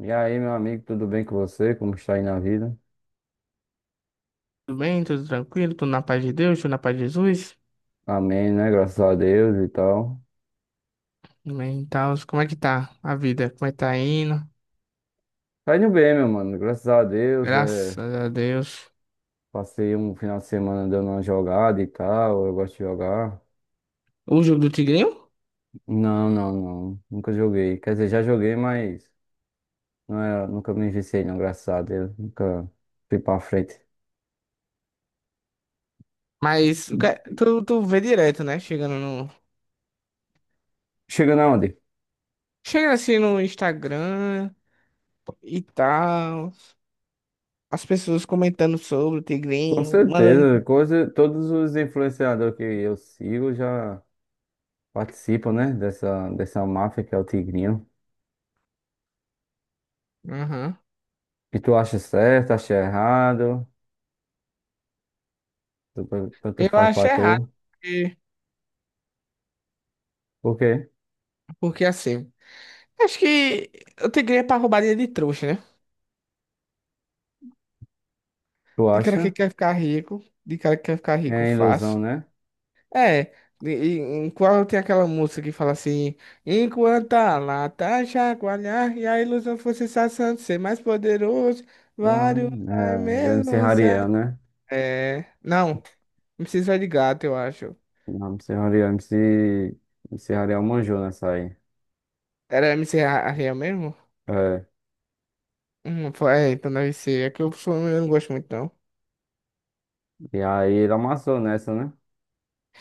E aí, meu amigo, tudo bem com você? Como está aí na vida? Tudo bem? Tudo tranquilo? Tudo na paz de Deus? Tudo na paz de Jesus? Amém, né? Graças a Deus e tal. Amém. Então, como é que tá a vida? Como é que tá indo? Tá indo bem, meu mano. Graças a Deus. Graças a Deus. Passei um final de semana dando uma jogada e tal. Eu gosto de jogar. O jogo do Tigrinho? Não, não, não. Nunca joguei. Quer dizer, já joguei, mas não era... nunca me viciei, não. Graças a Deus. Nunca fui pra frente. Mas o que- é? Tu vê direto, né? Chegando no. Chegando aonde? Chega assim no Instagram e tal. As pessoas comentando sobre o Com Tigrinho, certeza. mandando. Coisa... Todos os influenciadores que eu sigo já participam, né? Dessa máfia que é o Tigrinho. Aham. E tu acha certo, acha errado? Tanto Eu faz acho pra errado, tu. porque, Por quê? porque assim. Acho que o Tigrinho é pra roubar dinheiro de trouxa, né? Tu De cara que acha? quer ficar rico, de cara que quer ficar rico É ilusão, fácil. né? É, em qual tem aquela música que fala assim, enquanto a lata chacoalhar e a ilusão for se de ser mais poderoso, Ah, vários vai é, do MC mesmo se... a- Hariel, né? É, não, MC Zé de Gato, eu acho. Não, MC Hariel, MC, MC Hariel manjou nessa aí. Era MC Ariel mesmo? É, Foi, é, então deve ser, é que eu, sou- eu não gosto muito não. e aí ele amassou nessa, né?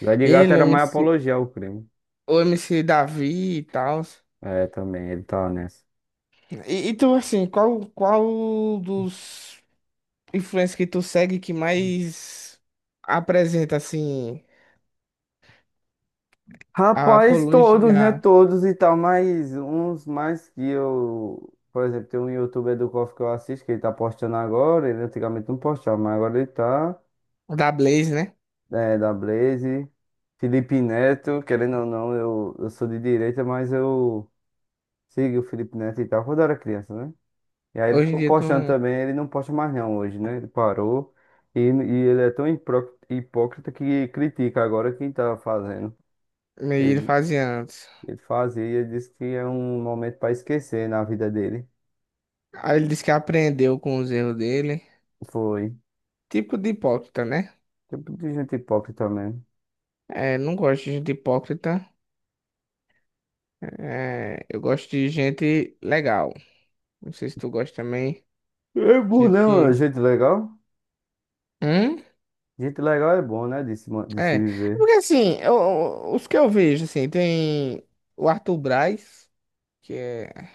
Zé de Gato Ele, o era mais MC, apologia ao crime. o MC Davi e tal. É, também, ele tá nessa. E tu, assim, qual dos... influência que tu segue que mais apresenta, assim, a Rapaz, todos, né? apologia Todos e tal, mas uns mais que eu. Por exemplo, tem um youtuber do KOF que eu assisto, que ele tá postando agora. Ele antigamente não postava, mas agora ele tá. da Blaze, né? É, da Blaze. Felipe Neto, querendo ou não, eu sou de direita, mas eu sigo o Felipe Neto e tal, quando eu era criança, né? E aí ele Hoje em ficou dia tu postando não... também, ele não posta mais não hoje, né? Ele parou. E ele é tão hipócrita que critica agora quem tá fazendo. meio ele Ele fazia antes. Ele fazia, ele disse que é um momento para esquecer na vida dele. Aí ele disse que aprendeu com os erros dele. Foi. Tipo de hipócrita, né? Tipo de gente hipócrita mesmo. É, não gosto de gente hipócrita. É, eu gosto de gente legal. Não sei se tu gosta também. É bom, Gente né, mano? que. Gente legal? Hum? Gente legal é bom, né? De É. se É. viver. Porque assim, eu- os que eu vejo, assim, tem o Arthur Braz, que é.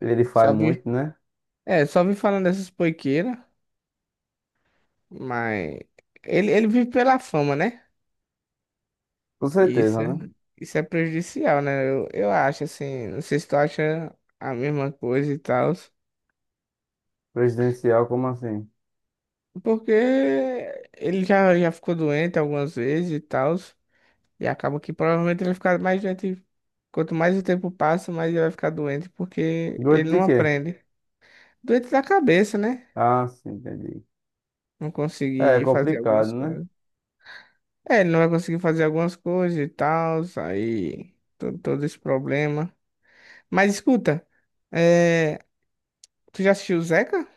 Ele faz Só vive. muito, né? É, só vi falando dessas poiqueiras, mas ele vive pela fama, né? Com E certeza, né? isso é prejudicial, né? Eu acho, assim, não sei se tu acha a mesma coisa e tal, Presidencial, como assim? porque ele já ficou doente algumas vezes e tal, e acaba que provavelmente ele vai ficar mais doente. Quanto mais o tempo passa, mais ele vai ficar doente, porque Doido ele de não quê? aprende. Doente da cabeça, né? Ah, sim, entendi. Não É, é conseguir fazer complicado, algumas né? coisas. É, ele não vai conseguir fazer algumas coisas e tal, aí to- todo esse problema. Mas escuta, é, tu já assistiu o Zeca?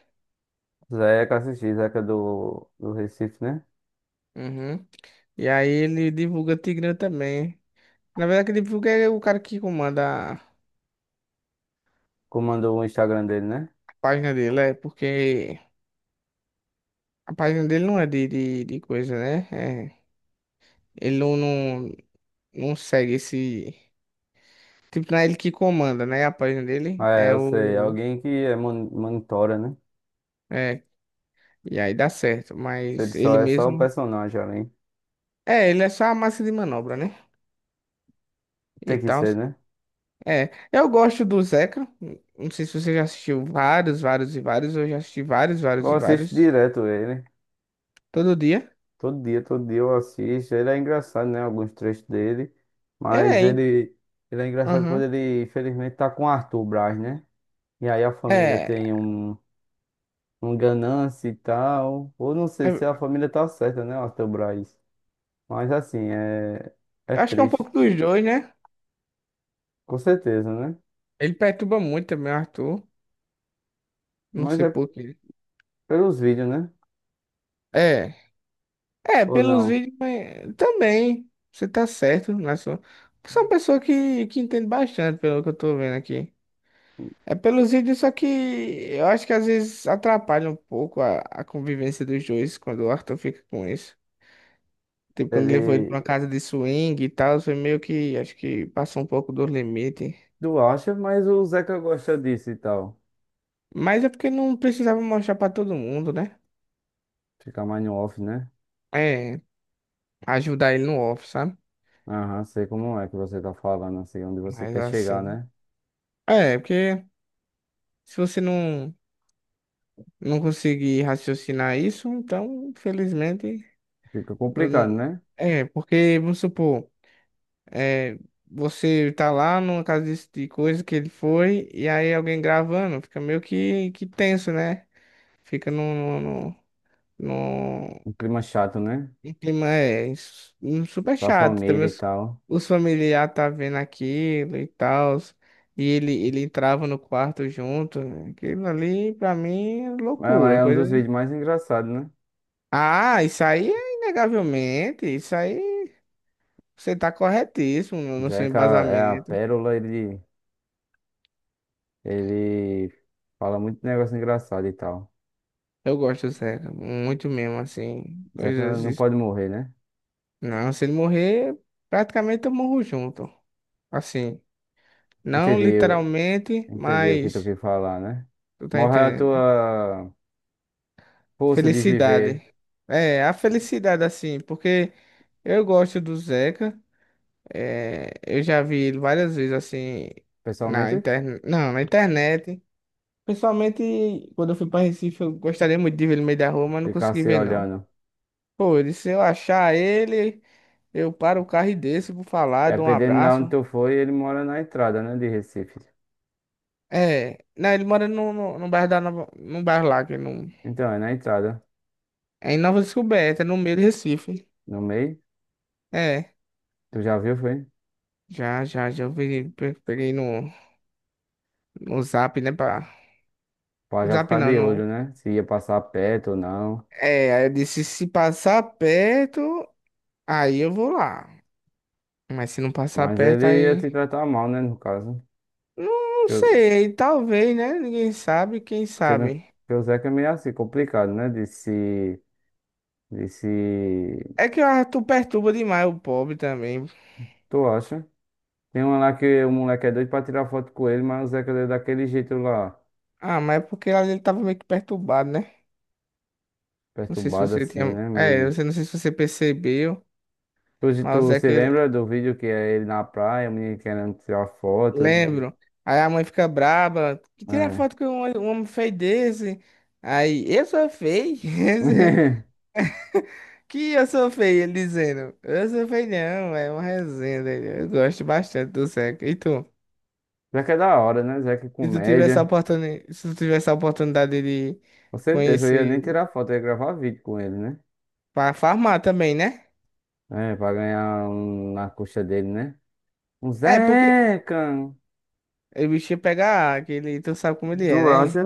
Zeca assisti, Zeca do Recife, né? Uhum. E aí ele divulga Tigrão também. Na verdade, quem divulga é o cara que comanda a Comandou o Instagram dele, né? página dele, é porque a página dele não é de coisa, né? É, ele não segue esse. Tipo, não é ele que comanda, né? A página dele Ah, é, é eu sei. o. Alguém que é monitora, né? É, e aí dá certo, Ele mas só ele é só o mesmo. personagem ali. É, ele é só a massa de manobra, né? E Tem que tal. ser, né? É, eu gosto do Zeca. Não sei se você já assistiu vários, vários e vários. Eu já assisti vários, vários Eu e assisto vários. direto ele. Todo dia. Todo dia eu assisto. Ele é engraçado, né? Alguns trechos dele. É, Mas hein? ele, ele é engraçado quando Aham. ele, infelizmente, tá com o Arthur Braz, né? E aí a família É, tem um, um ganância e tal. Ou não sei se eu a família tá certa, né? Arthur Braz. Mas assim, é, é acho que é um triste. pouco dos dois, né? Com certeza, né? Ele perturba muito também, o Arthur. Não Mas sei é por quê. pelos vídeos, né? É, Ou pelos não? vídeos mas também. Você tá certo, né? Sou uma pessoa que entende bastante, pelo que eu tô vendo aqui. É pelos vídeos, só que eu acho que às vezes atrapalha um pouco a convivência dos dois quando o Arthur fica com isso. Tipo, quando levou ele Ele. pra uma casa de swing e tal, foi meio que, acho que passou um pouco do limite. Tu acha, mas o Zeca gosta disso e tal. Mas é porque não precisava mostrar pra todo mundo, né? Fica mais no off, né? É, ajudar ele no off, sabe? Aham, sei como é que você tá falando, assim, onde você Mas quer chegar, assim. né? É, porque se você não conseguir raciocinar isso, então, infelizmente. Fica Não- complicado, né? É, porque, vamos supor. É, você tá lá numa casa desse- de coisa que ele foi, e aí alguém gravando, fica meio que tenso, né? Fica num Um clima chato, né? um clima é, s- um super Pra chato. Também família e tal. os familiares tá vendo aquilo e tal, e ele entrava no quarto junto, né? Aquilo ali, pra mim, é Mas loucura, é um coisa. dos vídeos mais engraçados, né? Ah, isso aí é inegavelmente, isso aí você tá corretíssimo no seu Zeca é a embasamento. pérola, ele fala muito negócio engraçado e tal. Eu gosto do Zeca, muito mesmo, assim. Zeca Coisas. não Es- pode morrer, né? Não, se ele morrer, praticamente eu morro junto. Assim, não Entendeu? literalmente, Entendeu o que tu mas. quis falar, né? Tu tá Morre a entendendo? tua força de Felicidade. viver, É, a felicidade, assim, porque eu gosto do Zeca. É, eu já vi ele várias vezes, assim, na pessoalmente, internet. Não, na internet. Pessoalmente, quando eu fui pra Recife, eu gostaria muito de ver ele no meio da rua, mas não ficar consegui se ver, não. olhando. Pô, ele- se eu achar ele. Eu paro o carro e desço, vou falar, dou um Dependendo de onde abraço. tu foi, ele mora na entrada, né, de Recife. É, né, ele mora no bairro da Nova, no bairro lá, que não, Então, é na entrada, é em Nova Descoberta, no meio de Recife. no meio. É, Tu já viu, foi? já eu peguei, pe- peguei no, no Zap, né, pra, Pra no já Zap ficar não, de olho, no, né? Se ia passar perto ou não. é, aí eu disse, se passar perto, aí eu vou lá. Mas se não passar Mas perto, ele ia te aí, tratar mal, né? No caso. não, não Que eu- sei, talvez, né, ninguém sabe, quem Porque, sabe. porque o Zeca é meio assim, complicado, né? De se. De se. É que o Arthur perturba demais o pobre também. Tu acha? Tem um lá que o moleque é doido pra tirar foto com ele, mas o Zeca deu daquele jeito lá. Ah, mas é porque ele tava meio que perturbado, né? Não sei se Perturbado você assim, tinha. né? É, eu não Meio. sei se você percebeu, Tu, mas tu é se que lembra do vídeo que é ele na praia, o menino querendo tirar foto e ele. lembro. Aí a mãe fica braba. Que tira É. foto com um homem feio desse. Aí, eu sou feio. Que eu sou feio, ele dizendo. Eu sou feio, não, é uma resenha dele. Eu gosto bastante do Zeca. E tu? Zeca é da hora, né? Zeca é Se tu tivesse a comédia. oportunidade, se tu tivesse a oportunidade de Com certeza, eu conhecer ia nem ele tirar foto, eu ia gravar vídeo com ele, né? pra farmar também, né? É, pra ganhar um, na coxa dele, né? Um É, porque Zeca! o bicho ia pegar aquele, tu sabe como ele é, Tu acha? né?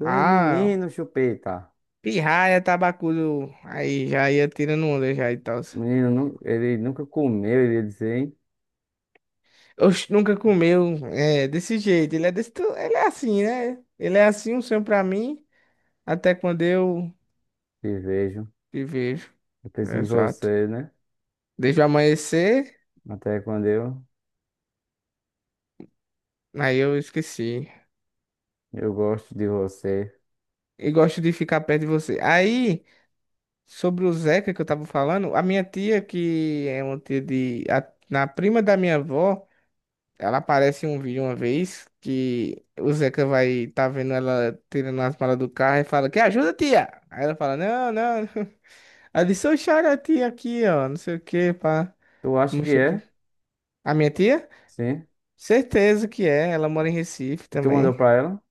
É, Ah. menino, chupeta. Pirraia, tabacudo, aí já ia tirando onda já e tal. Menino, ele nunca comeu, ele ia dizer, hein? Oxe, nunca comeu, é, desse jeito, ele é desse, tu- ele é assim, né? Ele é assim, um sonho pra mim, até quando eu Te vejo. te vejo, Eu penso em exato. você, né? Desde o amanhecer, Até quando aí eu esqueci. eu gosto de você. E gosto de ficar perto de você. Aí, sobre o Zeca que eu tava falando, a minha tia, que é uma tia de, a, na prima da minha avó, ela aparece em um vídeo uma vez que o Zeca vai tá vendo ela tirando as malas do carro e fala, que ajuda, tia? Aí ela fala, não. Não. Ela disse, eu choro a tia aqui, ó, não sei o que, pá. Tu acha que Mostrei pro- é? A minha tia? Sim. Certeza que é, ela mora em Recife E tu mandou também. pra ela?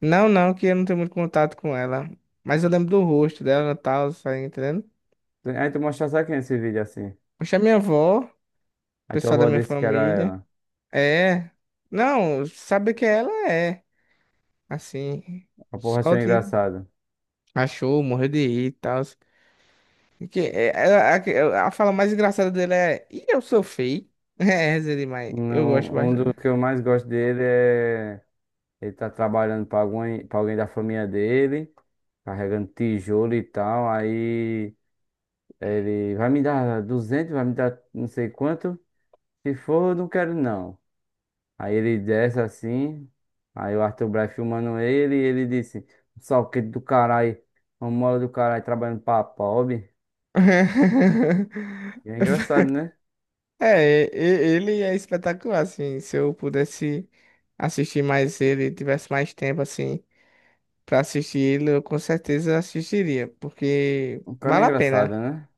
Não, não, que eu não tenho muito contato com ela. Mas eu lembro do rosto dela e tal, tá entendendo? Aí tu mostrasse aqui nesse vídeo assim. Poxa, a minha avó, o Aí tua pessoal da avó minha disse que era família. ela. É. Não, sabe que ela é, assim. A porra Só achou de. engraçado. Achou, morreu de rir e tal. Que, a, que- é, a fala mais engraçada dele é: E eu sou feio? É, essa é demais. Eu gosto Não, um dos bastante. que eu mais gosto dele é. Ele tá trabalhando pra alguém da família dele, carregando tijolo e tal. Aí ele vai me dar 200, vai me dar não sei quanto. Se for, eu não quero não. Aí ele desce assim. Aí o Arthur Braz filmando ele e ele disse: salquete do caralho, uma mola do caralho trabalhando pra pobre. E é engraçado, né? É, ele é espetacular, assim. Se eu pudesse assistir mais ele, tivesse mais tempo, assim, pra assistir ele, eu com certeza assistiria, porque O cara é vale a pena. engraçado, né?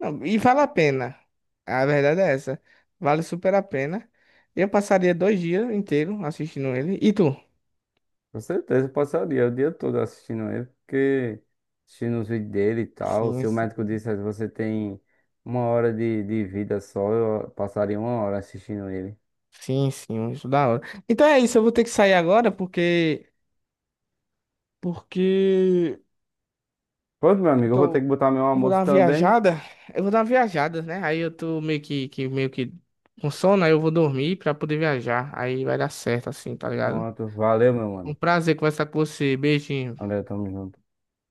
Não, e vale a pena. A verdade é essa. Vale super a pena. Eu passaria dois dias inteiros assistindo ele. E tu? Com certeza, eu passaria o dia todo assistindo ele, porque assistindo os vídeos dele e tal. Sim. Se o médico dissesse você tem uma hora de vida só, eu passaria uma hora assistindo ele. Sim, sim, isso da hora. Então é isso, eu vou ter que sair agora porque Pronto, meu eu amigo, eu vou ter que tô. botar meu Eu vou dar almoço uma também. viajada, eu vou dar uma viajada, né? Aí eu tô meio que com sono, aí eu vou dormir pra poder viajar. Aí vai dar certo assim, tá ligado? Pronto, valeu, meu Um mano. prazer conversar com você. Beijinho. Valeu, tamo junto.